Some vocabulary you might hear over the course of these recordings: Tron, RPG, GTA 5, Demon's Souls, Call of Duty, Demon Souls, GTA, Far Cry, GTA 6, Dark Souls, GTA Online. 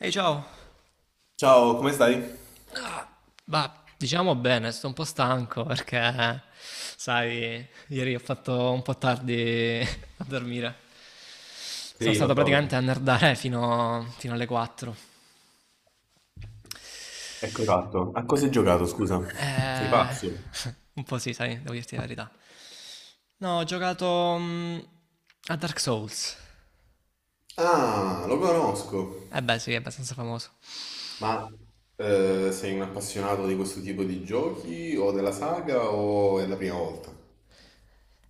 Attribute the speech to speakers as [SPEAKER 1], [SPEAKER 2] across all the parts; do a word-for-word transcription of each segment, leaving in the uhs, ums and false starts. [SPEAKER 1] Ehi, ciao.
[SPEAKER 2] Ciao, come stai?
[SPEAKER 1] Ah, bah, diciamo bene, sto un po' stanco perché, sai, ieri ho fatto un po' tardi a dormire. Sono
[SPEAKER 2] Sì, lo
[SPEAKER 1] stato
[SPEAKER 2] so, lo so.
[SPEAKER 1] praticamente a nerdare fino, fino alle quattro.
[SPEAKER 2] Ecco fatto. A cosa hai giocato, scusa? Sei
[SPEAKER 1] Eh,
[SPEAKER 2] pazzo.
[SPEAKER 1] un po' sì, sai, devo dirti la verità. No, ho giocato mm, a Dark Souls.
[SPEAKER 2] Ah, lo conosco.
[SPEAKER 1] Eh beh, sì, è abbastanza famoso.
[SPEAKER 2] Ma eh, Sei un appassionato di questo tipo di giochi o della saga o è la prima volta?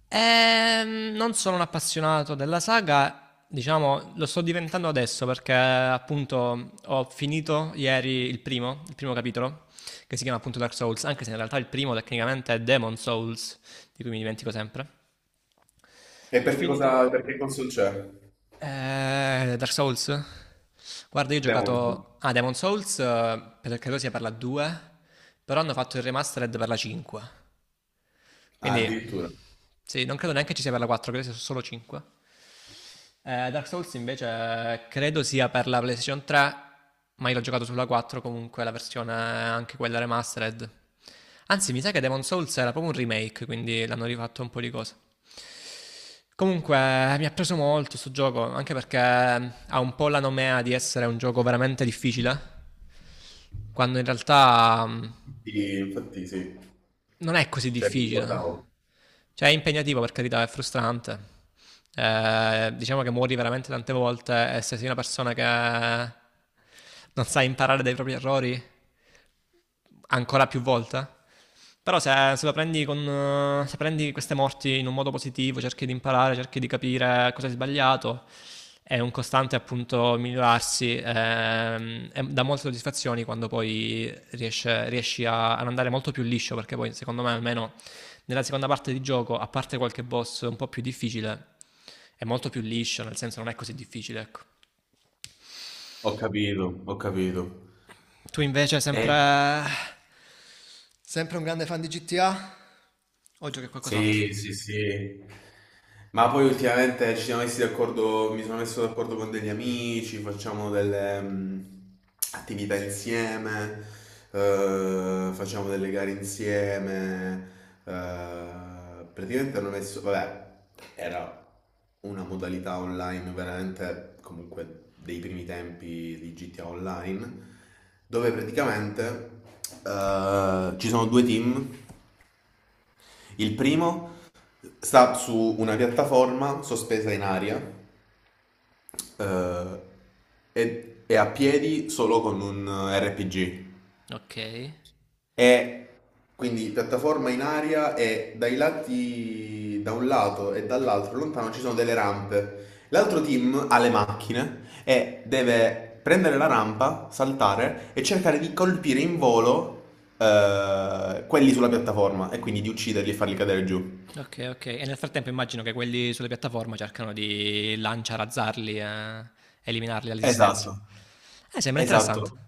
[SPEAKER 1] Ehm, non sono un appassionato della saga, diciamo, lo sto diventando adesso perché appunto ho finito ieri il primo, il primo capitolo, che si chiama appunto Dark Souls, anche se in realtà il primo tecnicamente è Demon Souls, di cui mi dimentico sempre.
[SPEAKER 2] E
[SPEAKER 1] Ho
[SPEAKER 2] perché
[SPEAKER 1] finito
[SPEAKER 2] cosa, perché console c'è?
[SPEAKER 1] eh, Dark Souls. Guarda, io ho
[SPEAKER 2] Demon's Souls.
[SPEAKER 1] giocato a Demon Souls, eh, per- credo sia per la due, però hanno fatto il remastered per la cinque.
[SPEAKER 2] Ah,
[SPEAKER 1] Quindi
[SPEAKER 2] addirittura.
[SPEAKER 1] sì, non credo neanche ci sia per la quattro, credo sia solo cinque. Eh, Dark Souls invece credo sia per la PlayStation tre, ma io l'ho giocato sulla quattro comunque, la versione anche quella remastered. Anzi, mi sa che Demon Souls era proprio un remake, quindi l'hanno rifatto un po' di cose. Comunque eh, mi ha preso molto sto gioco, anche perché mm, ha un po' la nomea di essere un gioco veramente difficile, quando in realtà mh,
[SPEAKER 2] Sì, infatti sì.
[SPEAKER 1] non è così
[SPEAKER 2] Cioè, mi
[SPEAKER 1] difficile.
[SPEAKER 2] ricordavo.
[SPEAKER 1] Cioè è impegnativo per carità, è frustrante. Eh, diciamo che muori veramente tante volte e se sei una persona che non sa imparare dai propri errori ancora più volte. Però se, se lo prendi con, eh, se prendi queste morti in un modo positivo, cerchi di imparare, cerchi di capire cosa hai sbagliato, è un costante appunto migliorarsi, ehm, e dà molte soddisfazioni quando poi riesce- riesci a, ad andare molto più liscio, perché poi secondo me almeno nella seconda parte di gioco, a parte qualche boss un po' più difficile, è molto più liscio, nel senso non è così difficile, ecco.
[SPEAKER 2] Ho capito, ho capito.
[SPEAKER 1] Tu invece
[SPEAKER 2] Eh,
[SPEAKER 1] sempre...
[SPEAKER 2] E,
[SPEAKER 1] Sempre un grande fan di G T A? O giochi a qualcos'altro?
[SPEAKER 2] Sì, sì, sì. Ma poi ultimamente ci siamo messi d'accordo, mi sono messo d'accordo con degli amici, facciamo delle mh, attività insieme, eh, facciamo delle gare insieme. Eh, praticamente hanno messo, vabbè, era una modalità online veramente comunque dei primi tempi di G T A Online, dove praticamente eh, ci sono due team. Il primo sta su una piattaforma sospesa in aria eh, e è a piedi solo con un R P G.
[SPEAKER 1] Ok.
[SPEAKER 2] È quindi piattaforma in aria e dai lati, da un lato e dall'altro lontano ci sono delle rampe. L'altro team ha le macchine e deve prendere la rampa, saltare e cercare di colpire in volo, eh, quelli sulla piattaforma, e quindi di ucciderli e farli cadere giù.
[SPEAKER 1] Ok, ok. E nel frattempo immagino che quelli sulle piattaforme cercano di lanciarazzarli e eliminarli dall'esistenza.
[SPEAKER 2] Esatto.
[SPEAKER 1] Eh, sembra interessante.
[SPEAKER 2] Esatto.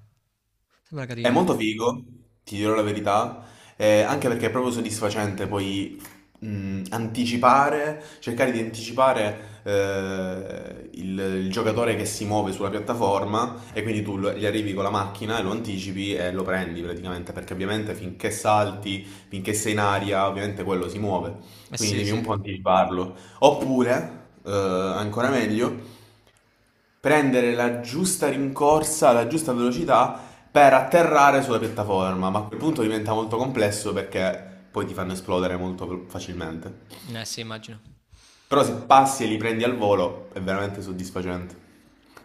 [SPEAKER 1] Sembra
[SPEAKER 2] È
[SPEAKER 1] carina.
[SPEAKER 2] molto figo, ti dirò la verità, eh, anche perché è proprio soddisfacente poi mh, anticipare, cercare di anticipare eh, il, il giocatore che si muove sulla piattaforma, e quindi tu lo- gli arrivi con la macchina e lo anticipi e lo prendi praticamente, perché ovviamente finché salti, finché sei in aria, ovviamente quello si muove,
[SPEAKER 1] Eh
[SPEAKER 2] quindi
[SPEAKER 1] sì,
[SPEAKER 2] devi un
[SPEAKER 1] sì.
[SPEAKER 2] po' anticiparlo. Oppure, eh, ancora meglio, prendere la giusta rincorsa, la giusta velocità per atterrare sulla piattaforma, ma a quel punto diventa molto complesso perché poi ti fanno esplodere molto facilmente.
[SPEAKER 1] Eh sì, immagino.
[SPEAKER 2] Però se passi e li prendi al volo è veramente soddisfacente.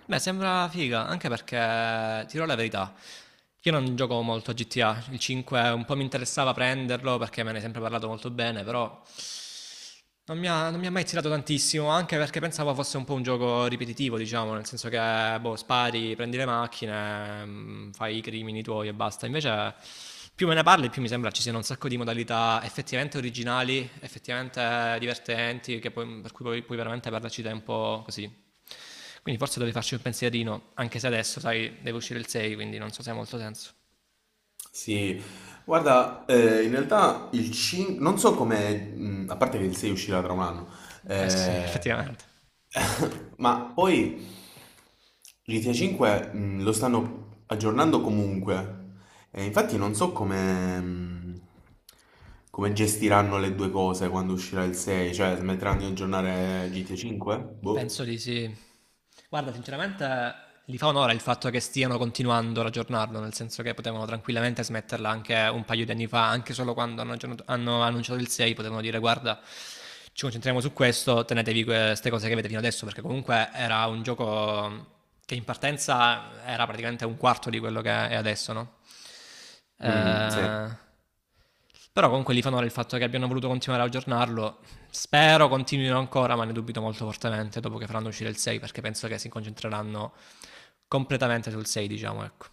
[SPEAKER 1] Beh, sembra figa, anche perché ti dirò la verità. Io non gioco molto a G T A, il cinque un po' mi interessava prenderlo perché me ne hai sempre parlato molto bene, però non mi ha, non mi ha mai tirato tantissimo, anche perché pensavo fosse un po' un gioco ripetitivo, diciamo, nel senso che boh, spari, prendi le macchine, mm, fai i crimini tuoi e basta. Invece più me ne parli, più mi sembra ci siano un sacco di modalità effettivamente originali, effettivamente divertenti, che poi- per cui puoi, puoi veramente perderci tempo così. Quindi forse dovevi farci un pensierino, anche se adesso, sai, deve uscire il sei, quindi non so se ha molto senso.
[SPEAKER 2] Sì, guarda, eh, in realtà il cinque, non so come, mh, a parte che il sei uscirà tra un anno,
[SPEAKER 1] Eh sì,
[SPEAKER 2] eh,
[SPEAKER 1] effettivamente.
[SPEAKER 2] ma poi G T A cinque mh, lo stanno aggiornando comunque, e infatti non so come, mh, come gestiranno le due cose quando uscirà il sei. Cioè, smetteranno di aggiornare G T A cinque?
[SPEAKER 1] Penso
[SPEAKER 2] Boh.
[SPEAKER 1] di sì. Guarda, sinceramente gli fa onore il fatto che stiano continuando ad aggiornarlo, nel senso che potevano tranquillamente smetterla anche un paio di anni fa, anche solo quando hanno, aggiornato- hanno annunciato il sei, potevano dire guarda, ci concentriamo su questo, tenetevi queste cose che avete fino adesso, perché comunque era un gioco che in partenza era praticamente un quarto di quello che è adesso, no?
[SPEAKER 2] Mm, sì.
[SPEAKER 1] Eh, Però comunque gli fa onore il fatto che abbiano voluto continuare ad aggiornarlo. Spero continuino ancora, ma ne dubito molto fortemente dopo che faranno uscire il sei, perché penso che si concentreranno completamente sul sei, diciamo, ecco.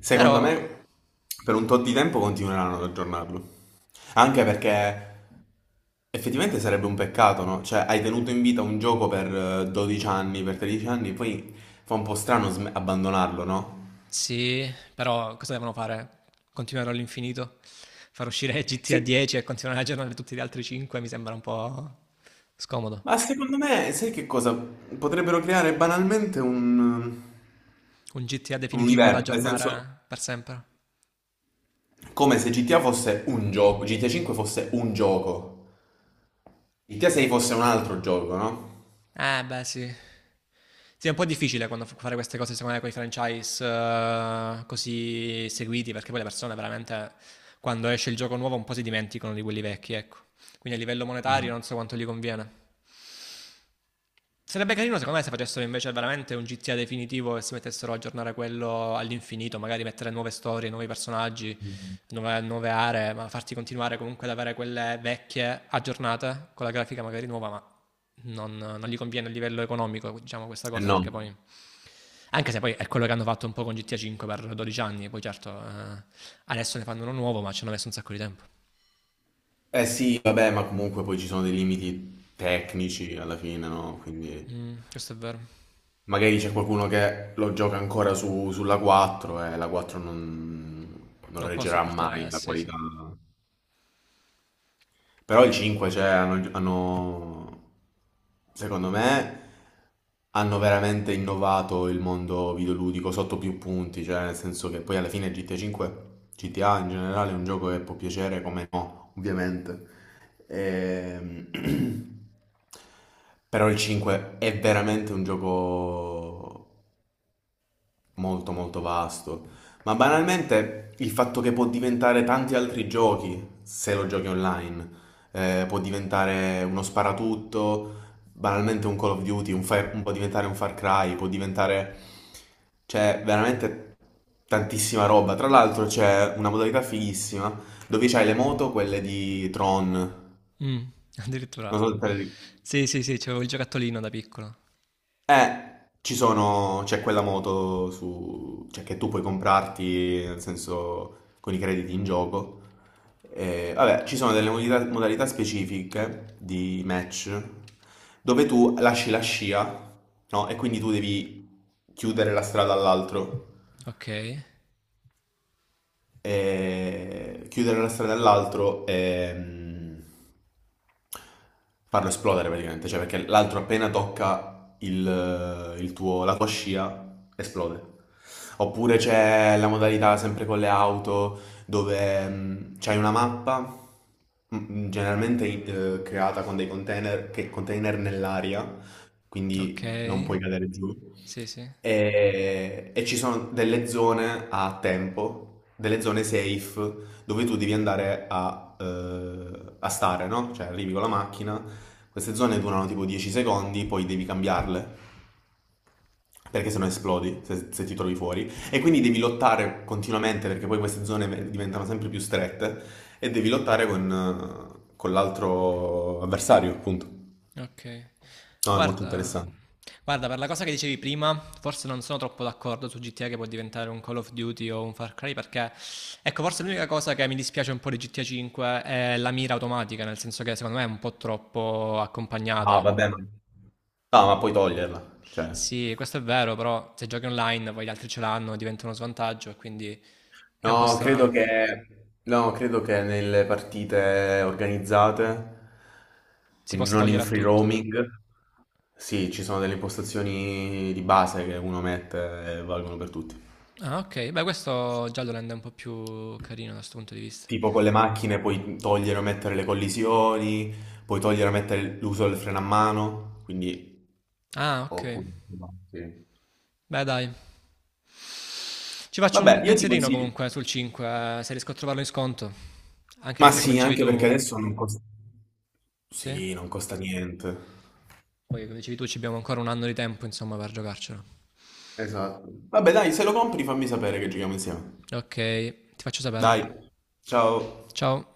[SPEAKER 2] Secondo
[SPEAKER 1] Però,
[SPEAKER 2] me, per un tot di tempo continueranno ad aggiornarlo. Anche perché effettivamente sarebbe un peccato, no? Cioè, hai tenuto in vita un gioco per eh, dodici anni, per tredici anni, poi fa un po' strano sm- abbandonarlo, no?
[SPEAKER 1] sì, però cosa devono fare? Continuare all'infinito? Far uscire G T A
[SPEAKER 2] Sì.
[SPEAKER 1] dieci e continuare ad aggiornare tutti gli altri cinque mi sembra un po' scomodo.
[SPEAKER 2] Ma secondo me, sai che cosa? Potrebbero creare banalmente un, un
[SPEAKER 1] Un G T A definitivo da
[SPEAKER 2] universo, nel senso,
[SPEAKER 1] aggiornare per sempre.
[SPEAKER 2] come se G T A fosse un gioco, G T A cinque fosse un gioco, G T A sei fosse un altro gioco, no?
[SPEAKER 1] Eh, beh, sì. Sì, è un po' difficile quando f- fare queste cose, secondo me, con i franchise eh, così seguiti, perché poi le persone veramente, quando esce il gioco nuovo, un po' si dimenticano di quelli vecchi, ecco. Quindi a livello monetario
[SPEAKER 2] Mm.
[SPEAKER 1] non so quanto gli conviene. Sarebbe carino secondo me se facessero invece veramente un G T A definitivo e si mettessero a aggiornare quello all'infinito, magari mettere nuove storie, nuovi personaggi, nuove, nuove aree, ma farti continuare comunque ad avere quelle vecchie aggiornate con la grafica magari nuova, ma non, non gli conviene a livello economico, diciamo questa
[SPEAKER 2] Eh
[SPEAKER 1] cosa, perché
[SPEAKER 2] no.
[SPEAKER 1] poi... Anche se poi è quello che hanno fatto un po' con G T A cinque per dodici anni, poi certo eh, adesso ne fanno uno nuovo, ma ci hanno messo un sacco di tempo.
[SPEAKER 2] Eh sì, vabbè, ma comunque poi ci sono dei limiti tecnici alla fine, no? Quindi
[SPEAKER 1] Mm, questo è vero.
[SPEAKER 2] magari c'è qualcuno che lo gioca ancora su- sulla quattro, e la quattro non, non
[SPEAKER 1] Non posso
[SPEAKER 2] reggerà
[SPEAKER 1] portare...
[SPEAKER 2] mai
[SPEAKER 1] Eh,
[SPEAKER 2] la
[SPEAKER 1] sì, sì.
[SPEAKER 2] qualità. Però i cinque, cioè, hanno, hanno- secondo me, hanno veramente innovato il mondo videoludico sotto più punti. Cioè, nel senso che poi alla fine G T A cinque, G T A in generale è un gioco che può piacere come no, ovviamente. Ehm, Però il cinque è veramente un gioco molto molto vasto, ma banalmente il fatto che può diventare tanti altri giochi se lo giochi online. Eh, può diventare uno sparatutto, banalmente un Call of Duty, un Far- può diventare un Far Cry, può diventare... C'è veramente tantissima roba. Tra l'altro c'è una modalità fighissima dove c'hai le moto, quelle di Tron. Non
[SPEAKER 1] Mm, addirittura.
[SPEAKER 2] so se te le
[SPEAKER 1] Sì, sì, sì, c'avevo il giocattolino da piccolo.
[SPEAKER 2] Eh, ci sono, c'è quella moto su, cioè, che tu puoi comprarti, nel senso, con i crediti in gioco. Eh, vabbè, ci sono delle modalità, modalità specifiche di match dove tu lasci la scia, no? E quindi tu devi chiudere la strada all'altro,
[SPEAKER 1] Ok,
[SPEAKER 2] e chiudere una strada all'altro e mm, farlo esplodere praticamente. Cioè, perché l'altro appena tocca il, il tuo, la tua scia esplode. Oppure c'è la modalità sempre con le auto dove mm, c'hai una mappa, mm, mm, generalmente eh, creata con dei container, che container nell'aria,
[SPEAKER 1] ok.
[SPEAKER 2] quindi non puoi cadere giù.
[SPEAKER 1] Sì, sì.
[SPEAKER 2] E, e ci sono delle zone a tempo, delle zone safe, dove tu devi andare a, eh, a stare, no? Cioè arrivi con la macchina, queste zone durano tipo dieci secondi, poi devi cambiarle, perché sennò esplodi se, se ti trovi fuori. E quindi devi lottare continuamente, perché poi queste zone ve- diventano sempre più strette, e devi lottare con, eh, con l'altro avversario, appunto.
[SPEAKER 1] Ok.
[SPEAKER 2] No, è molto
[SPEAKER 1] Guarda,
[SPEAKER 2] interessante.
[SPEAKER 1] guarda, per la cosa che dicevi prima, forse non sono troppo d'accordo su G T A che può diventare un Call of Duty o un Far Cry perché ecco, forse l'unica cosa che mi dispiace un po' di G T A cinque è la mira automatica, nel senso che secondo me è un po' troppo
[SPEAKER 2] Ah,
[SPEAKER 1] accompagnata.
[SPEAKER 2] va bene. No, ma puoi toglierla, cioè...
[SPEAKER 1] Sì, questo è vero, però se giochi online, poi gli altri ce l'hanno, diventa uno svantaggio e quindi è un po'
[SPEAKER 2] No, credo
[SPEAKER 1] strano.
[SPEAKER 2] che, no, credo che nelle partite organizzate,
[SPEAKER 1] Si
[SPEAKER 2] quindi
[SPEAKER 1] possa
[SPEAKER 2] non in
[SPEAKER 1] togliere a
[SPEAKER 2] free
[SPEAKER 1] tutto.
[SPEAKER 2] roaming, sì, ci sono delle impostazioni di base che uno mette e valgono per tutti.
[SPEAKER 1] Ah, ok. Beh, questo già lo rende un po' più carino da questo punto di vista.
[SPEAKER 2] Tipo con le macchine puoi togliere o mettere le collisioni, puoi togliere o mettere l'uso del freno a mano, quindi...
[SPEAKER 1] Ah, ok.
[SPEAKER 2] Oppure, insomma, sì.
[SPEAKER 1] Beh, dai. Ci faccio un
[SPEAKER 2] Vabbè, io ti
[SPEAKER 1] pensierino
[SPEAKER 2] consiglio.
[SPEAKER 1] comunque sul cinque, eh, se riesco a trovarlo in sconto. Anche
[SPEAKER 2] Ma
[SPEAKER 1] perché, come
[SPEAKER 2] sì,
[SPEAKER 1] dicevi
[SPEAKER 2] anche perché
[SPEAKER 1] tu,
[SPEAKER 2] adesso non costa...
[SPEAKER 1] sì?
[SPEAKER 2] Sì, non costa niente.
[SPEAKER 1] Poi, come dicevi tu, ci abbiamo ancora un anno di tempo, insomma, per giocarcelo.
[SPEAKER 2] Esatto. Vabbè, dai, se lo compri fammi sapere che giochiamo insieme.
[SPEAKER 1] Ok, ti faccio sapere.
[SPEAKER 2] Dai, ciao.
[SPEAKER 1] Ciao.